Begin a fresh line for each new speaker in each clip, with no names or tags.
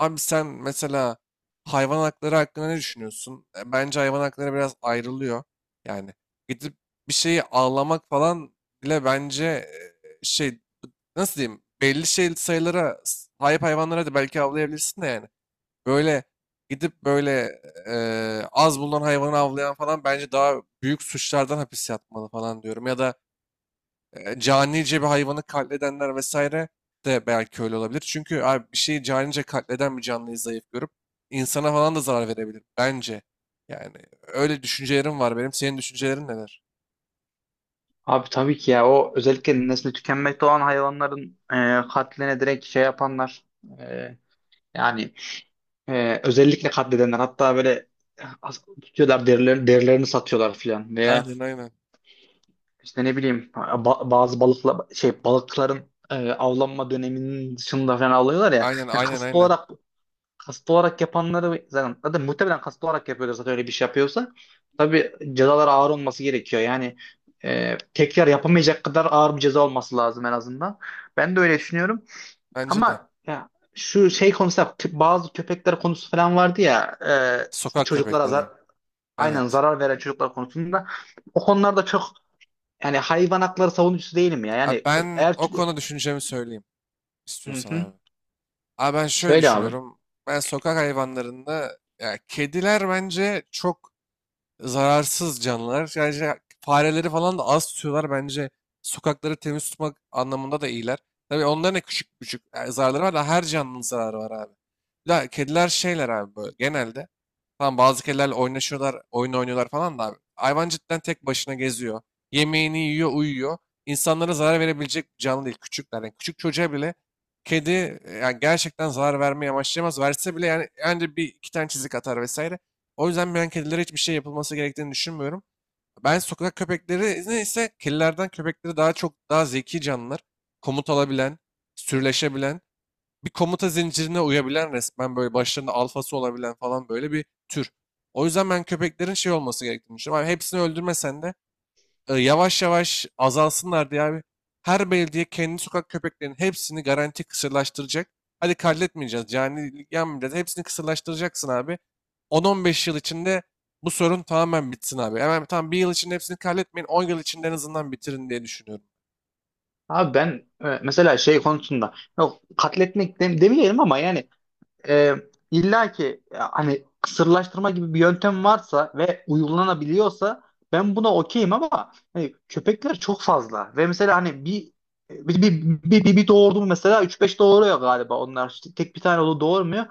Abi sen mesela hayvan hakları hakkında ne düşünüyorsun? Bence hayvan hakları biraz ayrılıyor. Yani gidip bir şeyi ağlamak falan bile bence nasıl diyeyim belli şey sayılara sahip hayvanlara da belki avlayabilirsin de yani. Böyle gidip böyle e, az bulunan hayvanı avlayan falan bence daha büyük suçlardan hapis yatmalı falan diyorum. Ya da canice bir hayvanı katledenler vesaire de belki öyle olabilir. Çünkü abi bir şeyi canice katleden bir canlıyı zayıf görüp insana falan da zarar verebilir bence. Yani öyle düşüncelerim var benim. Senin düşüncelerin neler?
Abi tabii ki ya o özellikle nesli tükenmekte olan hayvanların katline direkt şey yapanlar e, yani özellikle katledenler, hatta böyle as- tutuyorlar derilerini, derilerini satıyorlar filan veya
Aynen, aynen.
işte ne bileyim ba- bazı balıkla şey balıkların avlanma döneminin dışında falan alıyorlar ya,
Aynen,
yani
aynen,
kasıtlı
aynen.
olarak. Kasıtlı olarak yapanları zaten, zaten muhtemelen kasıtlı olarak yapıyordur zaten öyle bir şey yapıyorsa. Tabii cezalar ağır olması gerekiyor. Yani tekrar yapamayacak kadar ağır bir ceza olması lazım en azından. Ben de öyle düşünüyorum.
Bence de.
Ama ya, şu şey konusu kö- bazı köpekler konusu falan vardı ya, işte
Sokak
çocuklara
köpekleri.
zar aynen
Evet.
zarar veren çocuklar konusunda, o konularda çok, yani hayvan hakları savunucusu değilim ya. Yani
Abi ben
eğer
o konu düşüncemi söyleyeyim
hı
istiyorsan
hı.
abi. Abi ben şöyle
Söyle abi.
düşünüyorum. Ben sokak hayvanlarında ya kediler bence çok zararsız canlılar. Yani fareleri falan da az tutuyorlar bence. Sokakları temiz tutmak anlamında da iyiler. Tabii onların da küçük küçük zararları var da her canlının zararı var abi. La kediler şeyler abi böyle genelde. Tamam, bazı kedilerle oynaşıyorlar, oyun oynuyorlar falan da abi. Hayvan cidden tek başına geziyor. Yemeğini yiyor, uyuyor. İnsanlara zarar verebilecek bir canlı değil. Küçükler. Yani küçük çocuğa bile kedi yani gerçekten zarar vermeye amaçlayamaz. Verse bile yani bir iki tane çizik atar vesaire. O yüzden ben kedilere hiçbir şey yapılması gerektiğini düşünmüyorum. Ben sokak köpekleri ise kedilerden köpekleri daha çok daha zeki canlılar. Komut alabilen, sürüleşebilen, bir komuta zincirine uyabilen, resmen böyle başlarında alfası olabilen falan böyle bir tür. O yüzden ben köpeklerin şey olması gerektiğini düşünüyorum. Abi hepsini öldürmesen de yavaş yavaş azalsınlar diye abi her belediye kendi sokak köpeklerinin hepsini garanti kısırlaştıracak. Hadi katletmeyeceğiz. Yani yanmayacağız. Hepsini kısırlaştıracaksın abi. 10-15 yıl içinde bu sorun tamamen bitsin abi. Hemen tam bir yıl içinde hepsini katletmeyin. 10 yıl içinde en azından bitirin diye düşünüyorum.
Abi ben mesela şey konusunda yok, katletmek dem- demeyelim ama yani e, illa ki hani kısırlaştırma gibi bir yöntem varsa ve uygulanabiliyorsa ben buna okeyim. Ama hani köpekler çok fazla ve mesela hani bir, bir doğurdu mu mesela üç beş doğuruyor galiba onlar. İşte tek bir tane oğlu doğurmuyor,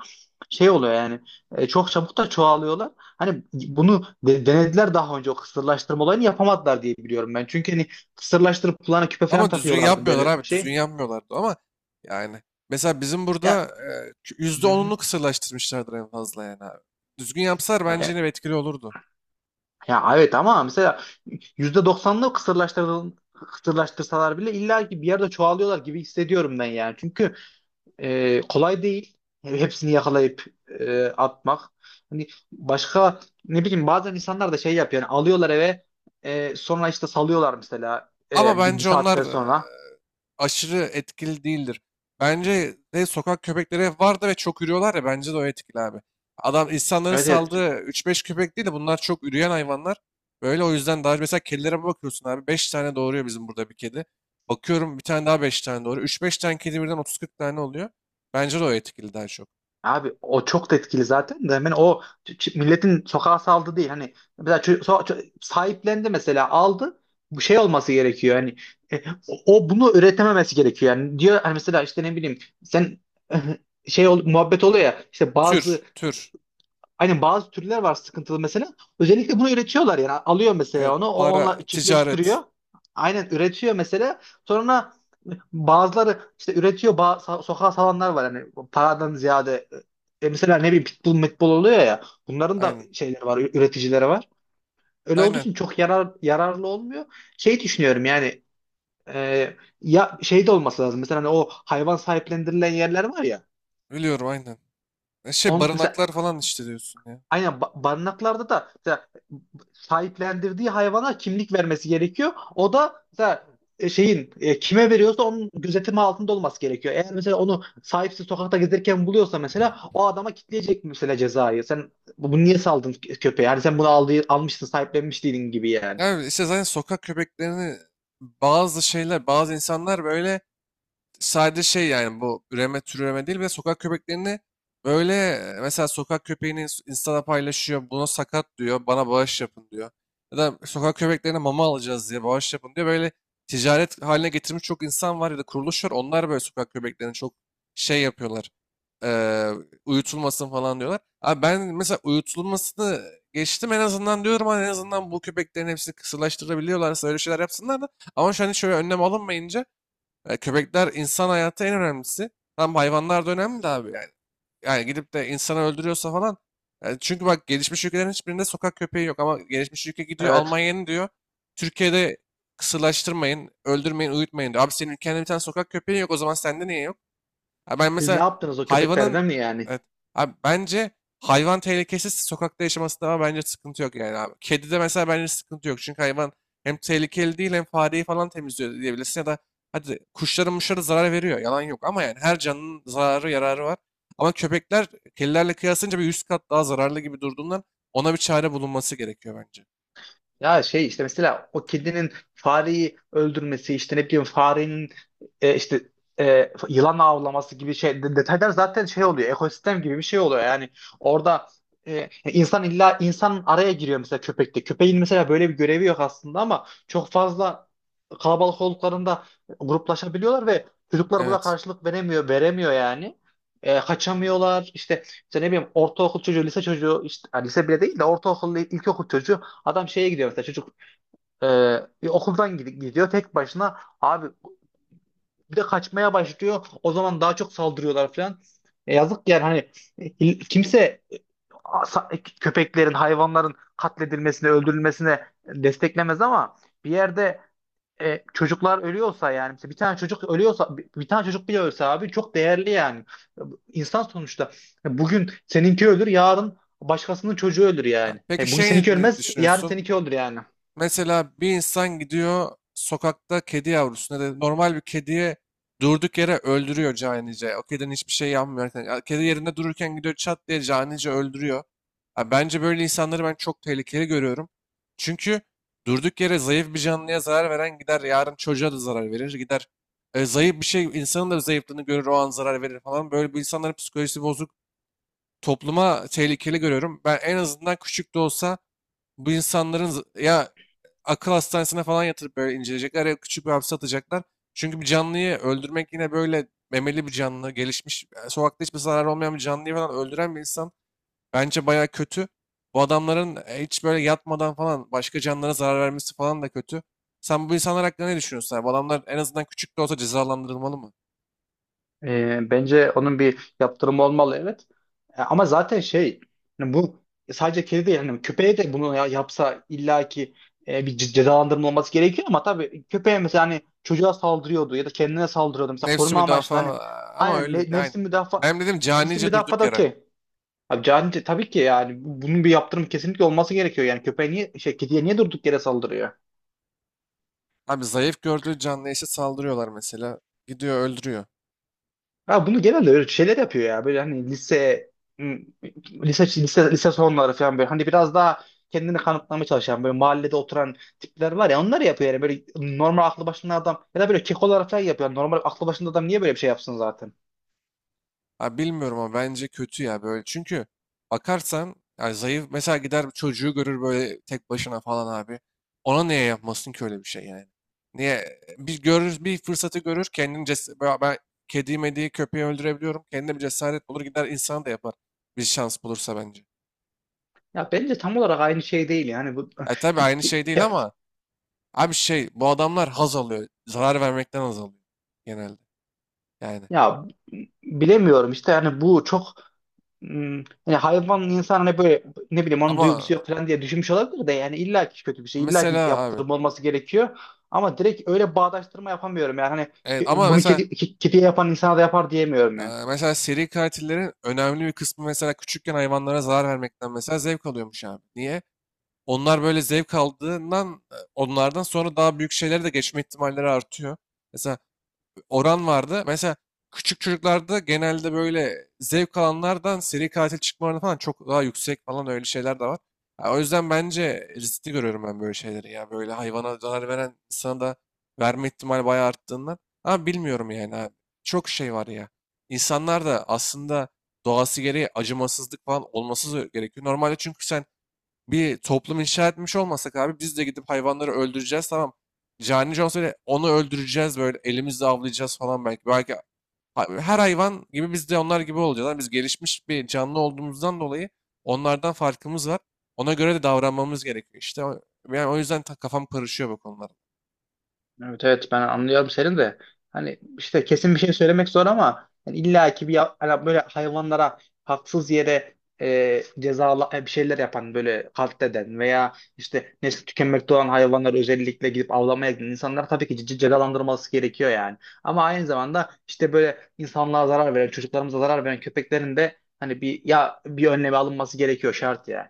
şey oluyor yani, çok çabuk da çoğalıyorlar. Hani bunu de- denediler daha önce, o kısırlaştırma olayını yapamadılar diye biliyorum ben. Çünkü hani kısırlaştırıp kulağına küpe falan
Ama düzgün
takıyorlardı,
yapmıyorlar
böyle bir
abi. Düzgün
şey.
yapmıyorlardı ama yani mesela bizim burada
Ya, hı
yüzde
hı.
onunu kısırlaştırmışlardır en fazla yani abi. Düzgün yapsalar bence
E,
yine etkili olurdu.
ya evet ama mesela %90'lı kısırlaştırıl kısırlaştırsalar bile illa ki bir yerde çoğalıyorlar gibi hissediyorum ben yani. Çünkü kolay değil. Hepsini yakalayıp atmak. Hani başka ne bileyim bazen insanlar da şey yapıyor. Yani alıyorlar eve, sonra işte salıyorlar mesela
Ama
bir
bence onlar
saatten sonra.
aşırı etkili değildir. Bence de sokak köpekleri vardı ve çok ürüyorlar ya, bence de o etkili abi. Adam insanların
Evet, evet.
saldığı 3-5 köpek değil de bunlar çok üreyen hayvanlar. Böyle o yüzden daha mesela kedilere bakıyorsun abi 5 tane doğuruyor bizim burada bir kedi. Bakıyorum bir tane daha 5 tane doğuruyor. 3-5 tane kedi birden 30-40 tane oluyor. Bence de o etkili daha çok.
Abi o çok da etkili zaten, de hemen o ç- ç- milletin sokağa saldı değil. Hani mesela ço- so- ço- sahiplendi mesela, aldı. Bu şey olması gerekiyor. Hani e, o bunu üretememesi gerekiyor. Yani diyor hani mesela işte ne bileyim sen şey ol, muhabbet oluyor ya işte
Tür,
bazı
tür.
aynen bazı türler var sıkıntılı mesela. Özellikle bunu üretiyorlar yani. Alıyor
Evet,
mesela onu. O onunla
para, ticaret.
çiftleştiriyor. Aynen, üretiyor mesela. Sonra bazıları işte üretiyor. Ba so- sokağa salanlar var yani. Paradan ziyade mesela ne bileyim pitbull metbol oluyor ya. Bunların da
Aynen.
şeyleri var. Ü- Üreticileri var. Öyle olduğu
Aynen.
için çok yarar, yararlı olmuyor. Şey düşünüyorum yani e, ya şey de olması lazım. Mesela hani o hayvan sahiplendirilen yerler var ya.
Biliyorum, aynen.
On, mesela
Barınaklar falan işte diyorsun ya.
aynen ba- barınaklarda da mesela sahiplendirdiği hayvana kimlik vermesi gerekiyor. O da mesela şeyin kime veriyorsa onun gözetimi altında olması gerekiyor. Eğer mesela onu sahipsiz sokakta gezerken buluyorsa mesela o adama kitleyecek mesela cezayı. Sen bu- bunu niye saldın kö- köpeğe? Yani sen bunu aldı, almıştın, sahiplenmiş değilin gibi yani.
Yani işte zaten sokak köpeklerini bazı şeyler, bazı insanlar böyle sadece şey yani bu üreme tür üreme değil, bir de sokak köpeklerini böyle mesela sokak köpeğini Insta'da paylaşıyor. Buna sakat diyor. Bana bağış yapın diyor. Ya da sokak köpeklerine mama alacağız diye bağış yapın diyor. Böyle ticaret haline getirmiş çok insan var ya da kuruluş var. Onlar böyle sokak köpeklerini çok şey yapıyorlar. Eee, Uyutulmasın falan diyorlar. Abi ben mesela uyutulmasını geçtim, en azından diyorum hani en azından bu köpeklerin hepsini kısırlaştırabiliyorlarsa öyle şeyler yapsınlar da. Ama şu an hiç öyle önlem alınmayınca köpekler insan hayatı en önemlisi. Tam hayvanlar da önemli de abi yani. Yani gidip de insanı öldürüyorsa falan. Çünkü bak, gelişmiş ülkelerin hiçbirinde sokak köpeği yok ama gelişmiş ülke gidiyor
Evet.
Almanya'nın diyor. Türkiye'de kısırlaştırmayın, öldürmeyin, uyutmayın diyor. Abi senin ülkende bir tane sokak köpeği yok, o zaman sende niye yok? Ha, ben
Siz ne
mesela
yaptınız o
hayvanın
köpeklerden mi yani?
evet, abi bence hayvan tehlikesiz sokakta yaşaması ama bence sıkıntı yok yani abi. Kedi de mesela bence sıkıntı yok. Çünkü hayvan hem tehlikeli değil hem fareyi falan temizliyor diyebilirsin ya da hadi kuşların muşları zarar veriyor. Yalan yok ama yani her canlının zararı yararı var. Ama köpekler kedilerle kıyaslayınca bir 100 kat daha zararlı gibi durduğundan ona bir çare bulunması gerekiyor bence.
Ya şey işte mesela o kedinin fareyi öldürmesi, işte ne bileyim farenin işte yılan avlaması gibi şey de- detaylar zaten şey oluyor, ekosistem gibi bir şey oluyor yani orada. İnsan illa insan araya giriyor mesela. Köpekte, köpeğin mesela böyle bir görevi yok aslında, ama çok fazla kalabalık olduklarında gruplaşabiliyorlar ve çocuklar buna
Evet.
karşılık veremiyor yani. Kaçamıyorlar işte, işte ne bileyim ortaokul çocuğu, lise çocuğu, işte ha, lise bile değil de ortaokul, ilkokul çocuğu. Adam şeye gidiyor mesela, çocuk e, okuldan gid- gidiyor tek başına. Abi bir de kaçmaya başlıyor. O zaman daha çok saldırıyorlar falan. Yazık yani hani kimse a, sa- köpeklerin, hayvanların katledilmesine, öldürülmesine desteklemez, ama bir yerde çocuklar ölüyorsa, yani mesela bir tane çocuk ölüyorsa, bir tane çocuk bile ölse abi çok değerli yani. İnsan sonuçta. Bugün seninki ölür, yarın başkasının çocuğu ölür
Ha,
yani.
peki
Bugün
şey
seninki
ne
ölmez, yarın
düşünüyorsun?
seninki ölür yani.
Mesela bir insan gidiyor sokakta kedi yavrusunu ya da normal bir kediye durduk yere öldürüyor canice. O kedinin hiçbir şey yapmıyor. Yani, ya kedi yerinde dururken gidiyor çat diye canice öldürüyor. Ha, bence böyle insanları ben çok tehlikeli görüyorum. Çünkü durduk yere zayıf bir canlıya zarar veren gider yarın çocuğa da zarar verir. Gider zayıf bir şey insanın da zayıflığını görür o an zarar verir falan. Böyle bir insanların psikolojisi bozuk. Topluma tehlikeli görüyorum. Ben en azından küçük de olsa bu insanların ya akıl hastanesine falan yatırıp böyle inceleyecekler ya küçük bir hapse atacaklar. Çünkü bir canlıyı öldürmek yine böyle memeli bir canlı, gelişmiş, sokakta hiçbir zarar olmayan bir canlıyı falan öldüren bir insan bence bayağı kötü. Bu adamların hiç böyle yatmadan falan başka canlılara zarar vermesi falan da kötü. Sen bu insanlar hakkında ne düşünüyorsun, abi? Bu adamlar en azından küçük de olsa cezalandırılmalı mı?
Bence onun bir yaptırımı olmalı, evet. Ama zaten şey, yani bu sadece kedi değil, yani köpeğe de bunu ya- yapsa illaki bir ce- cezalandırma olması gerekiyor. Ama tabii köpeğe mesela hani çocuğa saldırıyordu ya da kendine saldırıyordu mesela,
Nefsi
koruma amaçlı hani,
müdafaa ama
aynen,
öyle
ne,
de aynı.
nefsi müdafaa,
Ben dedim
nefsi
canice
müdafaa
durduk
da
yere.
okey. Abi can, tabii ki yani bu- bunun bir yaptırım kesinlikle olması gerekiyor. Yani köpeğe niye şey, kediye niye durduk yere saldırıyor?
Abi zayıf gördüğü canlıya işte saldırıyorlar mesela. Gidiyor öldürüyor.
Ya bunu genelde böyle şeyler yapıyor ya. Böyle hani lise m- lise sonları falan, böyle hani biraz daha kendini kanıtlamaya çalışan, böyle mahallede oturan tipler var ya, onlar yapıyor yani. Böyle normal aklı başında adam ya da böyle kekolar falan yapıyor. Yani normal aklı başında adam niye böyle bir şey yapsın zaten?
Ha, bilmiyorum ama bence kötü ya böyle. Çünkü bakarsan ya zayıf mesela gider çocuğu görür böyle tek başına falan abi. Ona niye yapmasın ki öyle bir şey yani? Niye bir görür bir fırsatı görür kendini ces ben kedi mediyi köpeği öldürebiliyorum. Kendine bir cesaret bulur gider insan da yapar. Bir şans bulursa bence.
Ya bence tam olarak aynı şey değil yani bu.
Tabii aynı şey değil
Ya,
ama abi şey bu adamlar haz alıyor. Zarar vermekten haz alıyor genelde yani.
ya bilemiyorum işte yani bu çok, hmm, yani hayvan insan, hani böyle ne bileyim onun
Ama
duygusu yok falan diye düşünmüş olabilir de. Yani illa ki kötü bir şey, illa ki
mesela abi,
yaptırım olması gerekiyor ama direkt öyle bağdaştırma yapamıyorum yani. Hani
evet,
ke-
ama
bunu
mesela
kedi, ke- kediye yapan insana da yapar diyemiyorum yani.
Eee, Mesela seri katillerin önemli bir kısmı mesela küçükken hayvanlara zarar vermekten mesela zevk alıyormuş abi. Niye? Onlar böyle zevk aldığından onlardan sonra daha büyük şeylere de geçme ihtimalleri artıyor. Mesela oran vardı. Mesela küçük çocuklarda genelde böyle zevk alanlardan seri katil çıkma oranı falan çok daha yüksek falan öyle şeyler de var. Ha, o yüzden bence riskli görüyorum ben böyle şeyleri ya. Böyle hayvana zarar veren insana da verme ihtimali bayağı arttığından. Ama bilmiyorum yani abi. Çok şey var ya. İnsanlar da aslında doğası gereği acımasızlık falan olması gerekiyor. Normalde çünkü sen bir toplum inşa etmiş olmasak abi biz de gidip hayvanları öldüreceğiz tamam. Cani Jones öyle onu öldüreceğiz böyle elimizle avlayacağız falan belki. Belki her hayvan gibi biz de onlar gibi olacağız. Ama biz gelişmiş bir canlı olduğumuzdan dolayı onlardan farkımız var. Ona göre de davranmamız gerekiyor işte. Yani o yüzden kafam karışıyor bu konulara.
Evet, evet, ben anlıyorum senin de. Hani işte kesin bir şey söylemek zor ama yani illa ki bir ya- hani böyle hayvanlara haksız yere cezalı bir şeyler yapan, böyle katleden veya işte nesli tükenmekte olan hayvanları özellikle gidip avlamaya giden insanlar tabii ki ce- cezalandırılması gerekiyor yani. Ama aynı zamanda işte böyle insanlığa zarar veren, çocuklarımıza zarar veren köpeklerin de hani bir, ya bir önlemi alınması gerekiyor, şart yani.